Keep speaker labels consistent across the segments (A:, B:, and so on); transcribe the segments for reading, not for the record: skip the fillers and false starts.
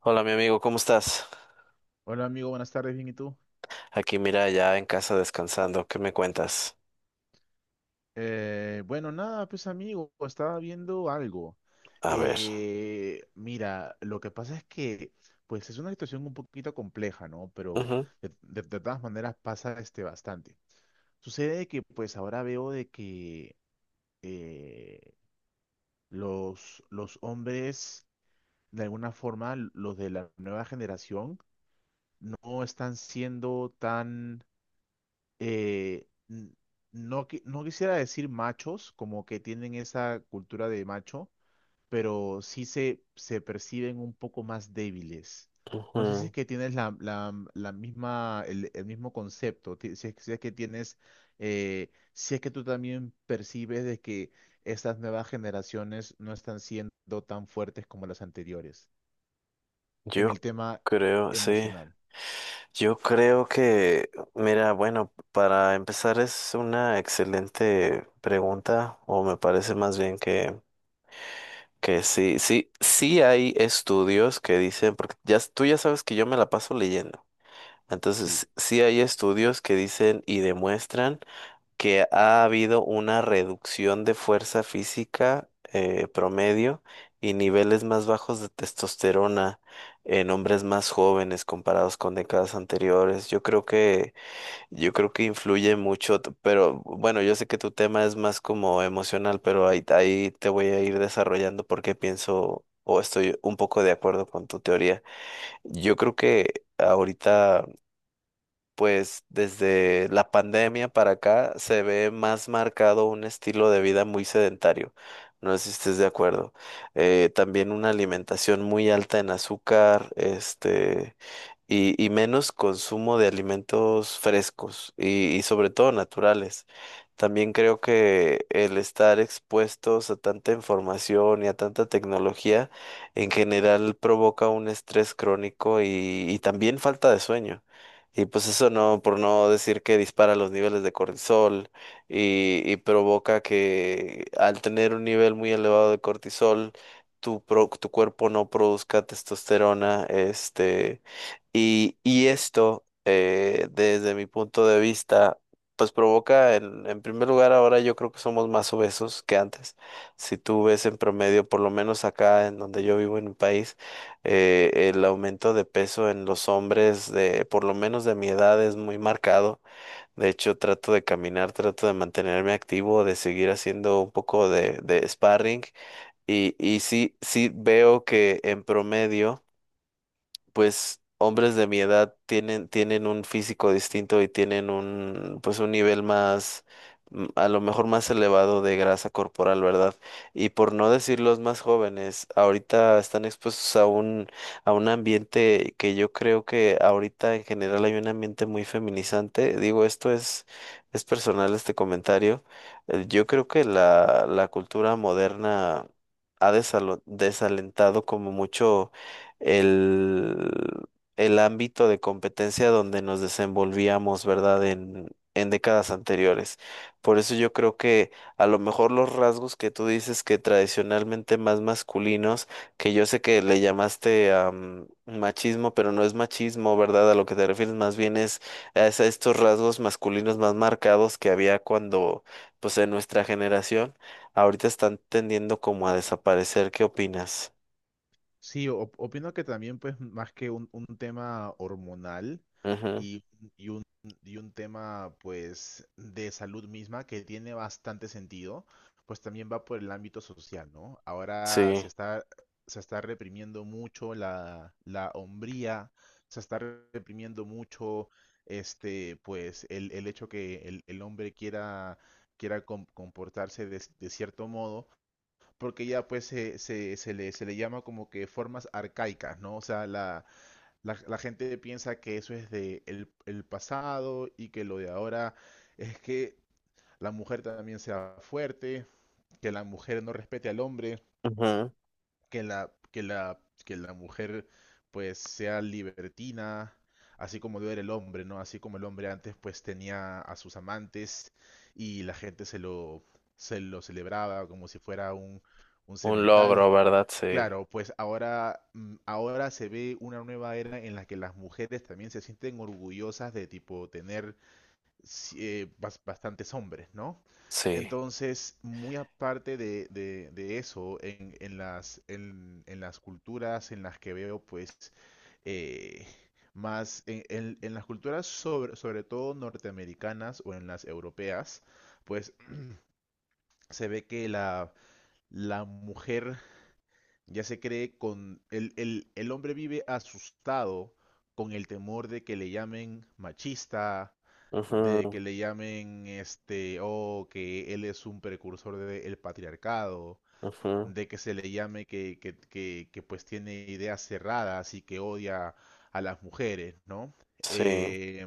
A: Hola, mi amigo, ¿cómo estás?
B: Hola amigo, buenas tardes, bien, ¿y tú?
A: Aquí, mira, ya en casa descansando. ¿Qué me cuentas?
B: Bueno, nada, pues amigo, estaba viendo algo.
A: A ver.
B: Mira, lo que pasa es que, pues es una situación un poquito compleja, ¿no? Pero
A: Ujú,
B: de todas maneras pasa este bastante. Sucede que, pues ahora veo de que eh, los hombres, de alguna forma, los de la nueva generación, no están siendo tan eh, n- no quisiera decir machos, como que tienen esa cultura de macho, pero sí se perciben un poco más débiles. No sé si es
A: ujú.
B: que tienes la misma, el mismo concepto, si es, si es que tú también percibes de que estas nuevas generaciones no están siendo tan fuertes como las anteriores en
A: Yo
B: el tema
A: creo, sí.
B: emocional.
A: Yo creo que, mira, bueno, para empezar es una excelente pregunta, o me parece más bien que sí, sí, sí hay estudios que dicen, porque ya, tú ya sabes que yo me la paso leyendo.
B: Sí.
A: Entonces, sí hay estudios que dicen y demuestran, que ha habido una reducción de fuerza física promedio y niveles más bajos de testosterona en hombres más jóvenes comparados con décadas anteriores. Yo creo que influye mucho, pero bueno, yo sé que tu tema es más como emocional, pero ahí, ahí te voy a ir desarrollando porque pienso o estoy un poco de acuerdo con tu teoría. Yo creo que ahorita pues desde la pandemia para acá se ve más marcado un estilo de vida muy sedentario. No sé si estés de acuerdo. También una alimentación muy alta en azúcar, este, y menos consumo de alimentos frescos y sobre todo naturales. También creo que el estar expuestos a tanta información y a tanta tecnología en general provoca un estrés crónico y también falta de sueño. Y pues eso no, por no decir que dispara los niveles de cortisol y provoca que al tener un nivel muy elevado de cortisol, tu cuerpo no produzca testosterona, este, y esto, desde mi punto de vista, pues provoca, en primer lugar, ahora yo creo que somos más obesos que antes. Si tú ves en promedio, por lo menos acá en donde yo vivo en mi país, el aumento de peso en los hombres de, por lo menos de mi edad, es muy marcado. De hecho, trato de caminar, trato de mantenerme activo, de seguir haciendo un poco de sparring. Y sí, sí veo que en promedio pues hombres de mi edad tienen, tienen un físico distinto y tienen un, pues un nivel más, a lo mejor más elevado de grasa corporal, ¿verdad? Y por no decir los más jóvenes, ahorita están expuestos a un ambiente que yo creo que ahorita en general hay un ambiente muy feminizante. Digo, esto es personal este comentario. Yo creo que la cultura moderna ha desalentado como mucho el, el ámbito de competencia donde nos desenvolvíamos, ¿verdad? En décadas anteriores. Por eso yo creo que a lo mejor los rasgos que tú dices que tradicionalmente más masculinos, que yo sé que le llamaste machismo, pero no es machismo, ¿verdad? A lo que te refieres más bien es a estos rasgos masculinos más marcados que había cuando, pues en nuestra generación, ahorita están tendiendo como a desaparecer. ¿Qué opinas?
B: Sí, opino que también, pues, más que un tema hormonal
A: Ujú,
B: y, y un tema, pues, de salud misma que tiene bastante sentido, pues también va por el ámbito social, ¿no?
A: sí.
B: Se está reprimiendo mucho la hombría, se está reprimiendo mucho, este, pues, el hecho que el hombre quiera, quiera comportarse de cierto modo porque ya pues se le llama como que formas arcaicas, ¿no? O sea, la gente piensa que eso es de el pasado y que lo de ahora es que la mujer también sea fuerte, que la mujer no respete al hombre,
A: Ujú.
B: que la mujer pues sea libertina, así como debe era el hombre, ¿no? Así como el hombre antes pues tenía a sus amantes y la gente se lo celebraba como si fuera un
A: Un
B: semental.
A: logro, ¿verdad? Sí,
B: Claro, pues ahora, ahora se ve una nueva era en la que las mujeres también se sienten orgullosas de tipo tener bastantes hombres, ¿no?
A: sí.
B: Entonces, muy aparte de, de eso, en las culturas en las que veo, pues, eh, en las culturas sobre todo norteamericanas o en las europeas, pues se ve que la mujer ya se cree con... El hombre vive asustado con el temor de que le llamen machista, de que
A: Ujú,
B: le llamen este, o que él es un precursor del patriarcado,
A: ujú.
B: de que se le llame pues tiene ideas cerradas y que odia a las mujeres, ¿no?
A: Sí,
B: Eh,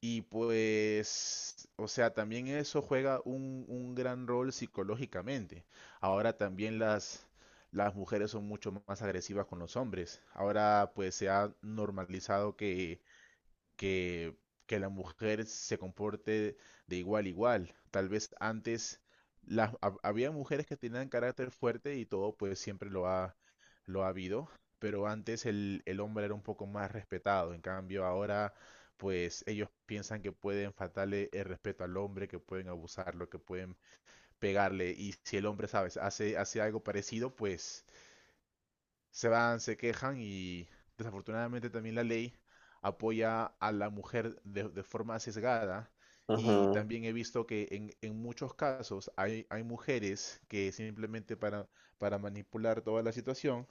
B: y pues, o sea, también eso juega un gran rol psicológicamente. Ahora también las mujeres son mucho más agresivas con los hombres. Ahora pues se ha normalizado que, que la mujer se comporte de igual a igual. Tal vez antes había mujeres que tenían carácter fuerte y todo, pues siempre lo ha habido, pero antes el hombre era un poco más respetado. En cambio, ahora, pues ellos piensan que pueden faltarle el respeto al hombre, que pueden abusarlo, que pueden pegarle. Y si el hombre, ¿sabes?, hace, hace algo parecido, pues se van, se quejan y desafortunadamente también la ley apoya a la mujer de forma sesgada y
A: ujú,
B: también he visto que en muchos casos hay, hay mujeres que simplemente para manipular toda la situación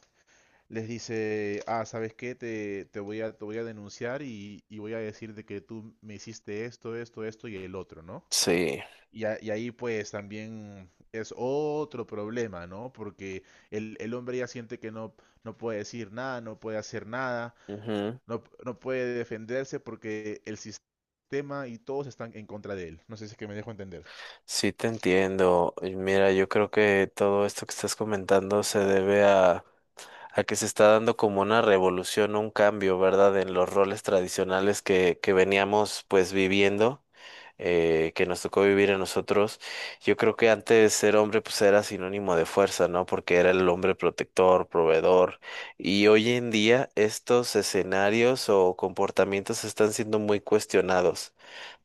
B: les dice, ah, ¿sabes qué? Te voy a denunciar y voy a decirte que tú me hiciste esto, esto, esto y el otro, ¿no?
A: sí.
B: Y ahí pues también es otro problema, ¿no? Porque el hombre ya siente que no, no puede decir nada, no puede hacer nada,
A: Ujú.
B: no puede defenderse porque el sistema y todos están en contra de él. No sé si es que me dejo entender.
A: Sí, te entiendo. Y mira, yo creo que todo esto que estás comentando se debe a que se está dando como una revolución, un cambio, ¿verdad? En los roles tradicionales que veníamos pues viviendo. Que nos tocó vivir a nosotros, yo creo que antes ser hombre pues era sinónimo de fuerza, ¿no? Porque era el hombre protector, proveedor, y hoy en día estos escenarios o comportamientos están siendo muy cuestionados,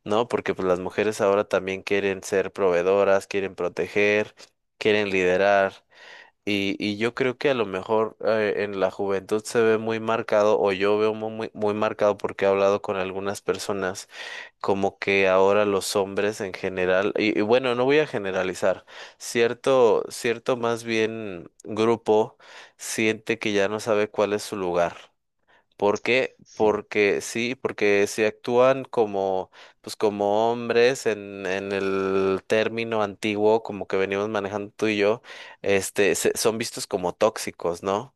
A: ¿no? Porque pues las mujeres ahora también quieren ser proveedoras, quieren proteger, quieren liderar. Y yo creo que a lo mejor en la juventud se ve muy marcado, o yo veo muy, muy marcado porque he hablado con algunas personas como que ahora los hombres en general, y bueno, no voy a generalizar, cierto, cierto más bien grupo siente que ya no sabe cuál es su lugar. ¿Por qué?
B: Sí.
A: Porque sí, porque si actúan como, pues como hombres en el término antiguo, como que venimos manejando tú y yo, este, son vistos como tóxicos, ¿no?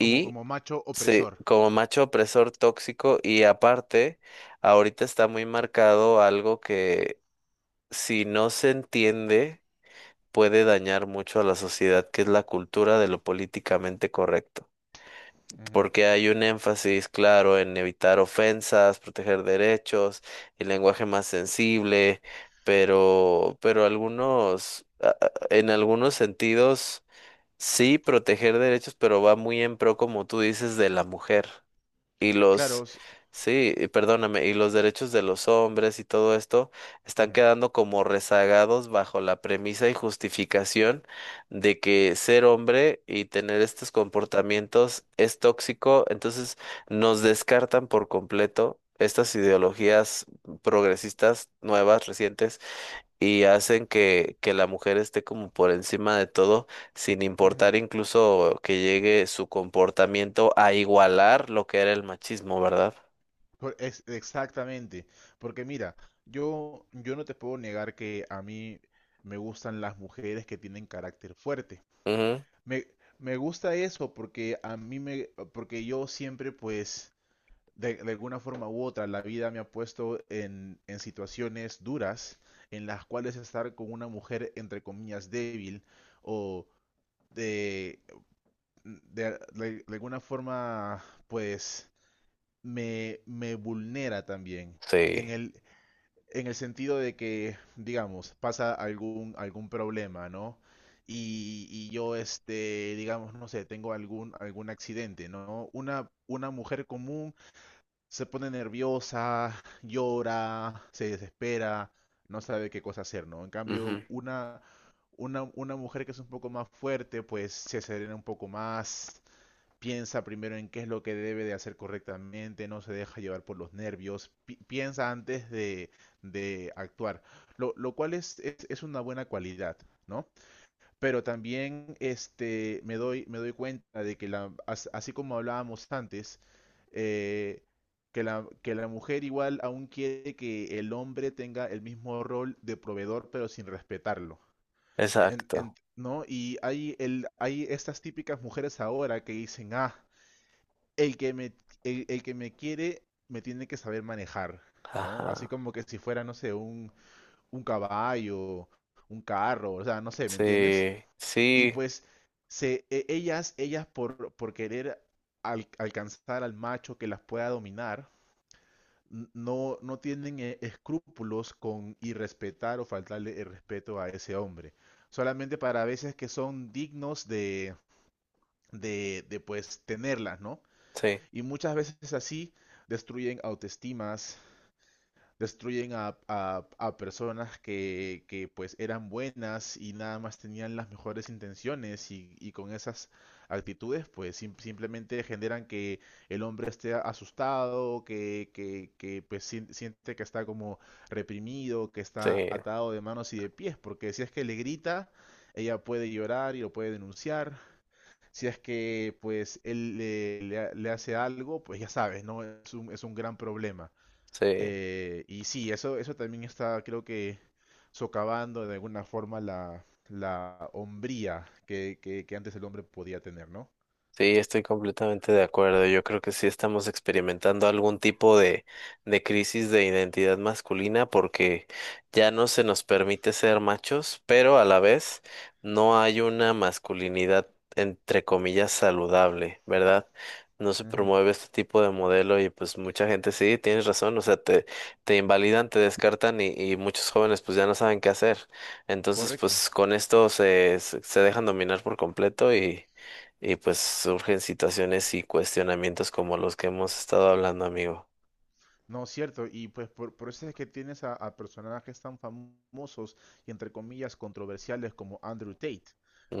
B: Como, como macho
A: Sí,
B: opresor.
A: como macho opresor tóxico y aparte, ahorita está muy marcado algo que si no se entiende puede dañar mucho a la sociedad, que es la cultura de lo políticamente correcto.
B: Ujú.
A: Porque hay un énfasis claro en evitar ofensas, proteger derechos, el lenguaje más sensible, pero algunos, en algunos sentidos, sí proteger derechos, pero va muy en pro, como tú dices, de la mujer y
B: Claro,
A: los, sí, perdóname, y los derechos de los hombres y todo esto están
B: ujú,
A: quedando como rezagados bajo la premisa y justificación de que ser hombre y tener estos comportamientos es tóxico, entonces nos descartan por completo. Estas ideologías progresistas nuevas, recientes, y hacen que la mujer esté como por encima de todo, sin
B: ujú.
A: importar incluso que llegue su comportamiento a igualar lo que era el machismo, ¿verdad?
B: Exactamente, porque mira, yo no te puedo negar que a mí me gustan las mujeres que tienen carácter fuerte.
A: Ujú,
B: Me, Me gusta eso porque porque yo siempre pues de alguna forma u otra la vida me ha puesto en situaciones duras en las cuales estar con una mujer entre comillas débil o de, de alguna forma pues me vulnera también. En
A: sí.
B: el, en el sentido de que, digamos, pasa algún, algún problema, ¿no? Y yo, este, digamos, no sé, tengo algún, algún accidente, ¿no? Una mujer común se pone nerviosa, llora, se desespera, no sabe qué cosa hacer, ¿no? En
A: Ujú.
B: cambio, una mujer que es un poco más fuerte, pues se serena un poco más, piensa primero en qué es lo que debe de hacer correctamente, no se deja llevar por los nervios, piensa antes de actuar, lo cual es una buena cualidad, ¿no? Pero también este, me doy cuenta de que así como hablábamos antes, eh, que la mujer igual aún quiere que el hombre tenga el mismo rol de proveedor, pero sin respetarlo.
A: Exacto.
B: ¿No? Y hay, hay estas típicas mujeres ahora que dicen, ah, el que me, el que me quiere me tiene que saber manejar, ¿no? Así
A: Ajá.
B: como que si fuera, no sé, un caballo, un carro, o sea, no sé, ¿me entiendes?
A: Sí,
B: Y
A: sí,
B: pues ellas por querer alcanzar al macho que las pueda dominar, no tienen escrúpulos con irrespetar o faltarle el respeto a ese hombre. Solamente para veces que son dignos de pues tenerlas, ¿no?
A: sí,
B: Y muchas veces así destruyen autoestimas, destruyen a personas que, pues eran buenas y nada más tenían las mejores intenciones y con esas actitudes pues simplemente generan que el hombre esté asustado, pues siente que está como reprimido, que
A: sí,
B: está atado de manos y de pies, porque si es que le grita, ella puede llorar y lo puede denunciar, si es que pues él le hace algo, pues ya sabes, ¿no? Es un gran problema.
A: sí.
B: Y sí, eso también está, creo que, socavando de alguna forma la hombría que antes el hombre podía tener, ¿no?
A: Sí, estoy completamente de acuerdo. Yo creo que sí estamos experimentando algún tipo de crisis de identidad masculina porque ya no se nos permite ser machos, pero a la vez no hay una masculinidad entre comillas saludable, ¿verdad? No se
B: Ujú.
A: promueve este tipo de modelo y pues mucha gente sí, tienes razón, o sea, te invalidan, te descartan y muchos jóvenes pues ya no saben qué hacer. Entonces
B: Correcto.
A: pues con esto se, se dejan dominar por completo y pues surgen situaciones y cuestionamientos como los que hemos estado hablando, amigo.
B: No, cierto, y pues por eso es que tienes a personajes tan famosos y entre comillas controversiales como Andrew Tate,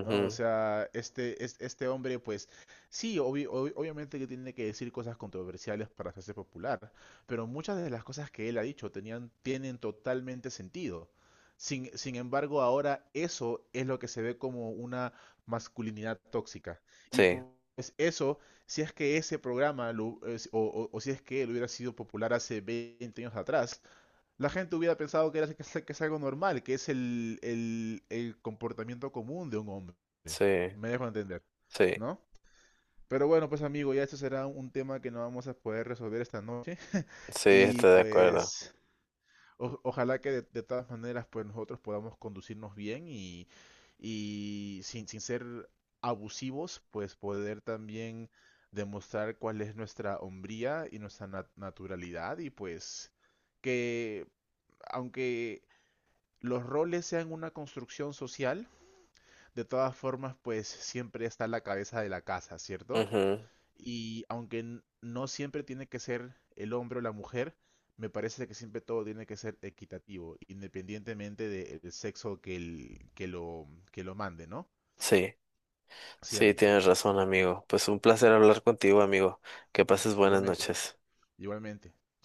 B: ¿no? O sea, este, este hombre, pues sí, obviamente que tiene que decir cosas controversiales para hacerse popular, pero muchas de las cosas que él ha dicho tienen totalmente sentido. Sin embargo, ahora eso es lo que se ve como una masculinidad tóxica.
A: sí,
B: Pues eso si es que ese programa lo- es- o si es que él hubiera sido popular hace 20 años atrás, la gente hubiera pensado que es algo normal, que es el comportamiento común de un hombre.
A: sí,
B: Me dejo entender,
A: sí,
B: ¿no? Pero bueno, pues amigo, ya esto será un tema que no vamos a poder resolver esta noche.
A: sí,
B: Y
A: estoy de acuerdo.
B: pues ojalá que de todas maneras pues nosotros podamos conducirnos bien y, sin ser abusivos, pues poder también demostrar cuál es nuestra hombría y nuestra naturalidad y pues que aunque los roles sean una construcción social, de todas formas pues siempre está la cabeza de la casa, ¿cierto?
A: Ujú,
B: Y aunque no siempre tiene que ser el hombre o la mujer, me parece que siempre todo tiene que ser equitativo, independientemente del sexo que, que lo mande, ¿no?
A: sí,
B: Sí,
A: sí,
B: amigo.
A: tienes razón, amigo. Pues un placer hablar contigo, amigo. Que pases buenas
B: Igualmente,
A: noches.
B: igualmente.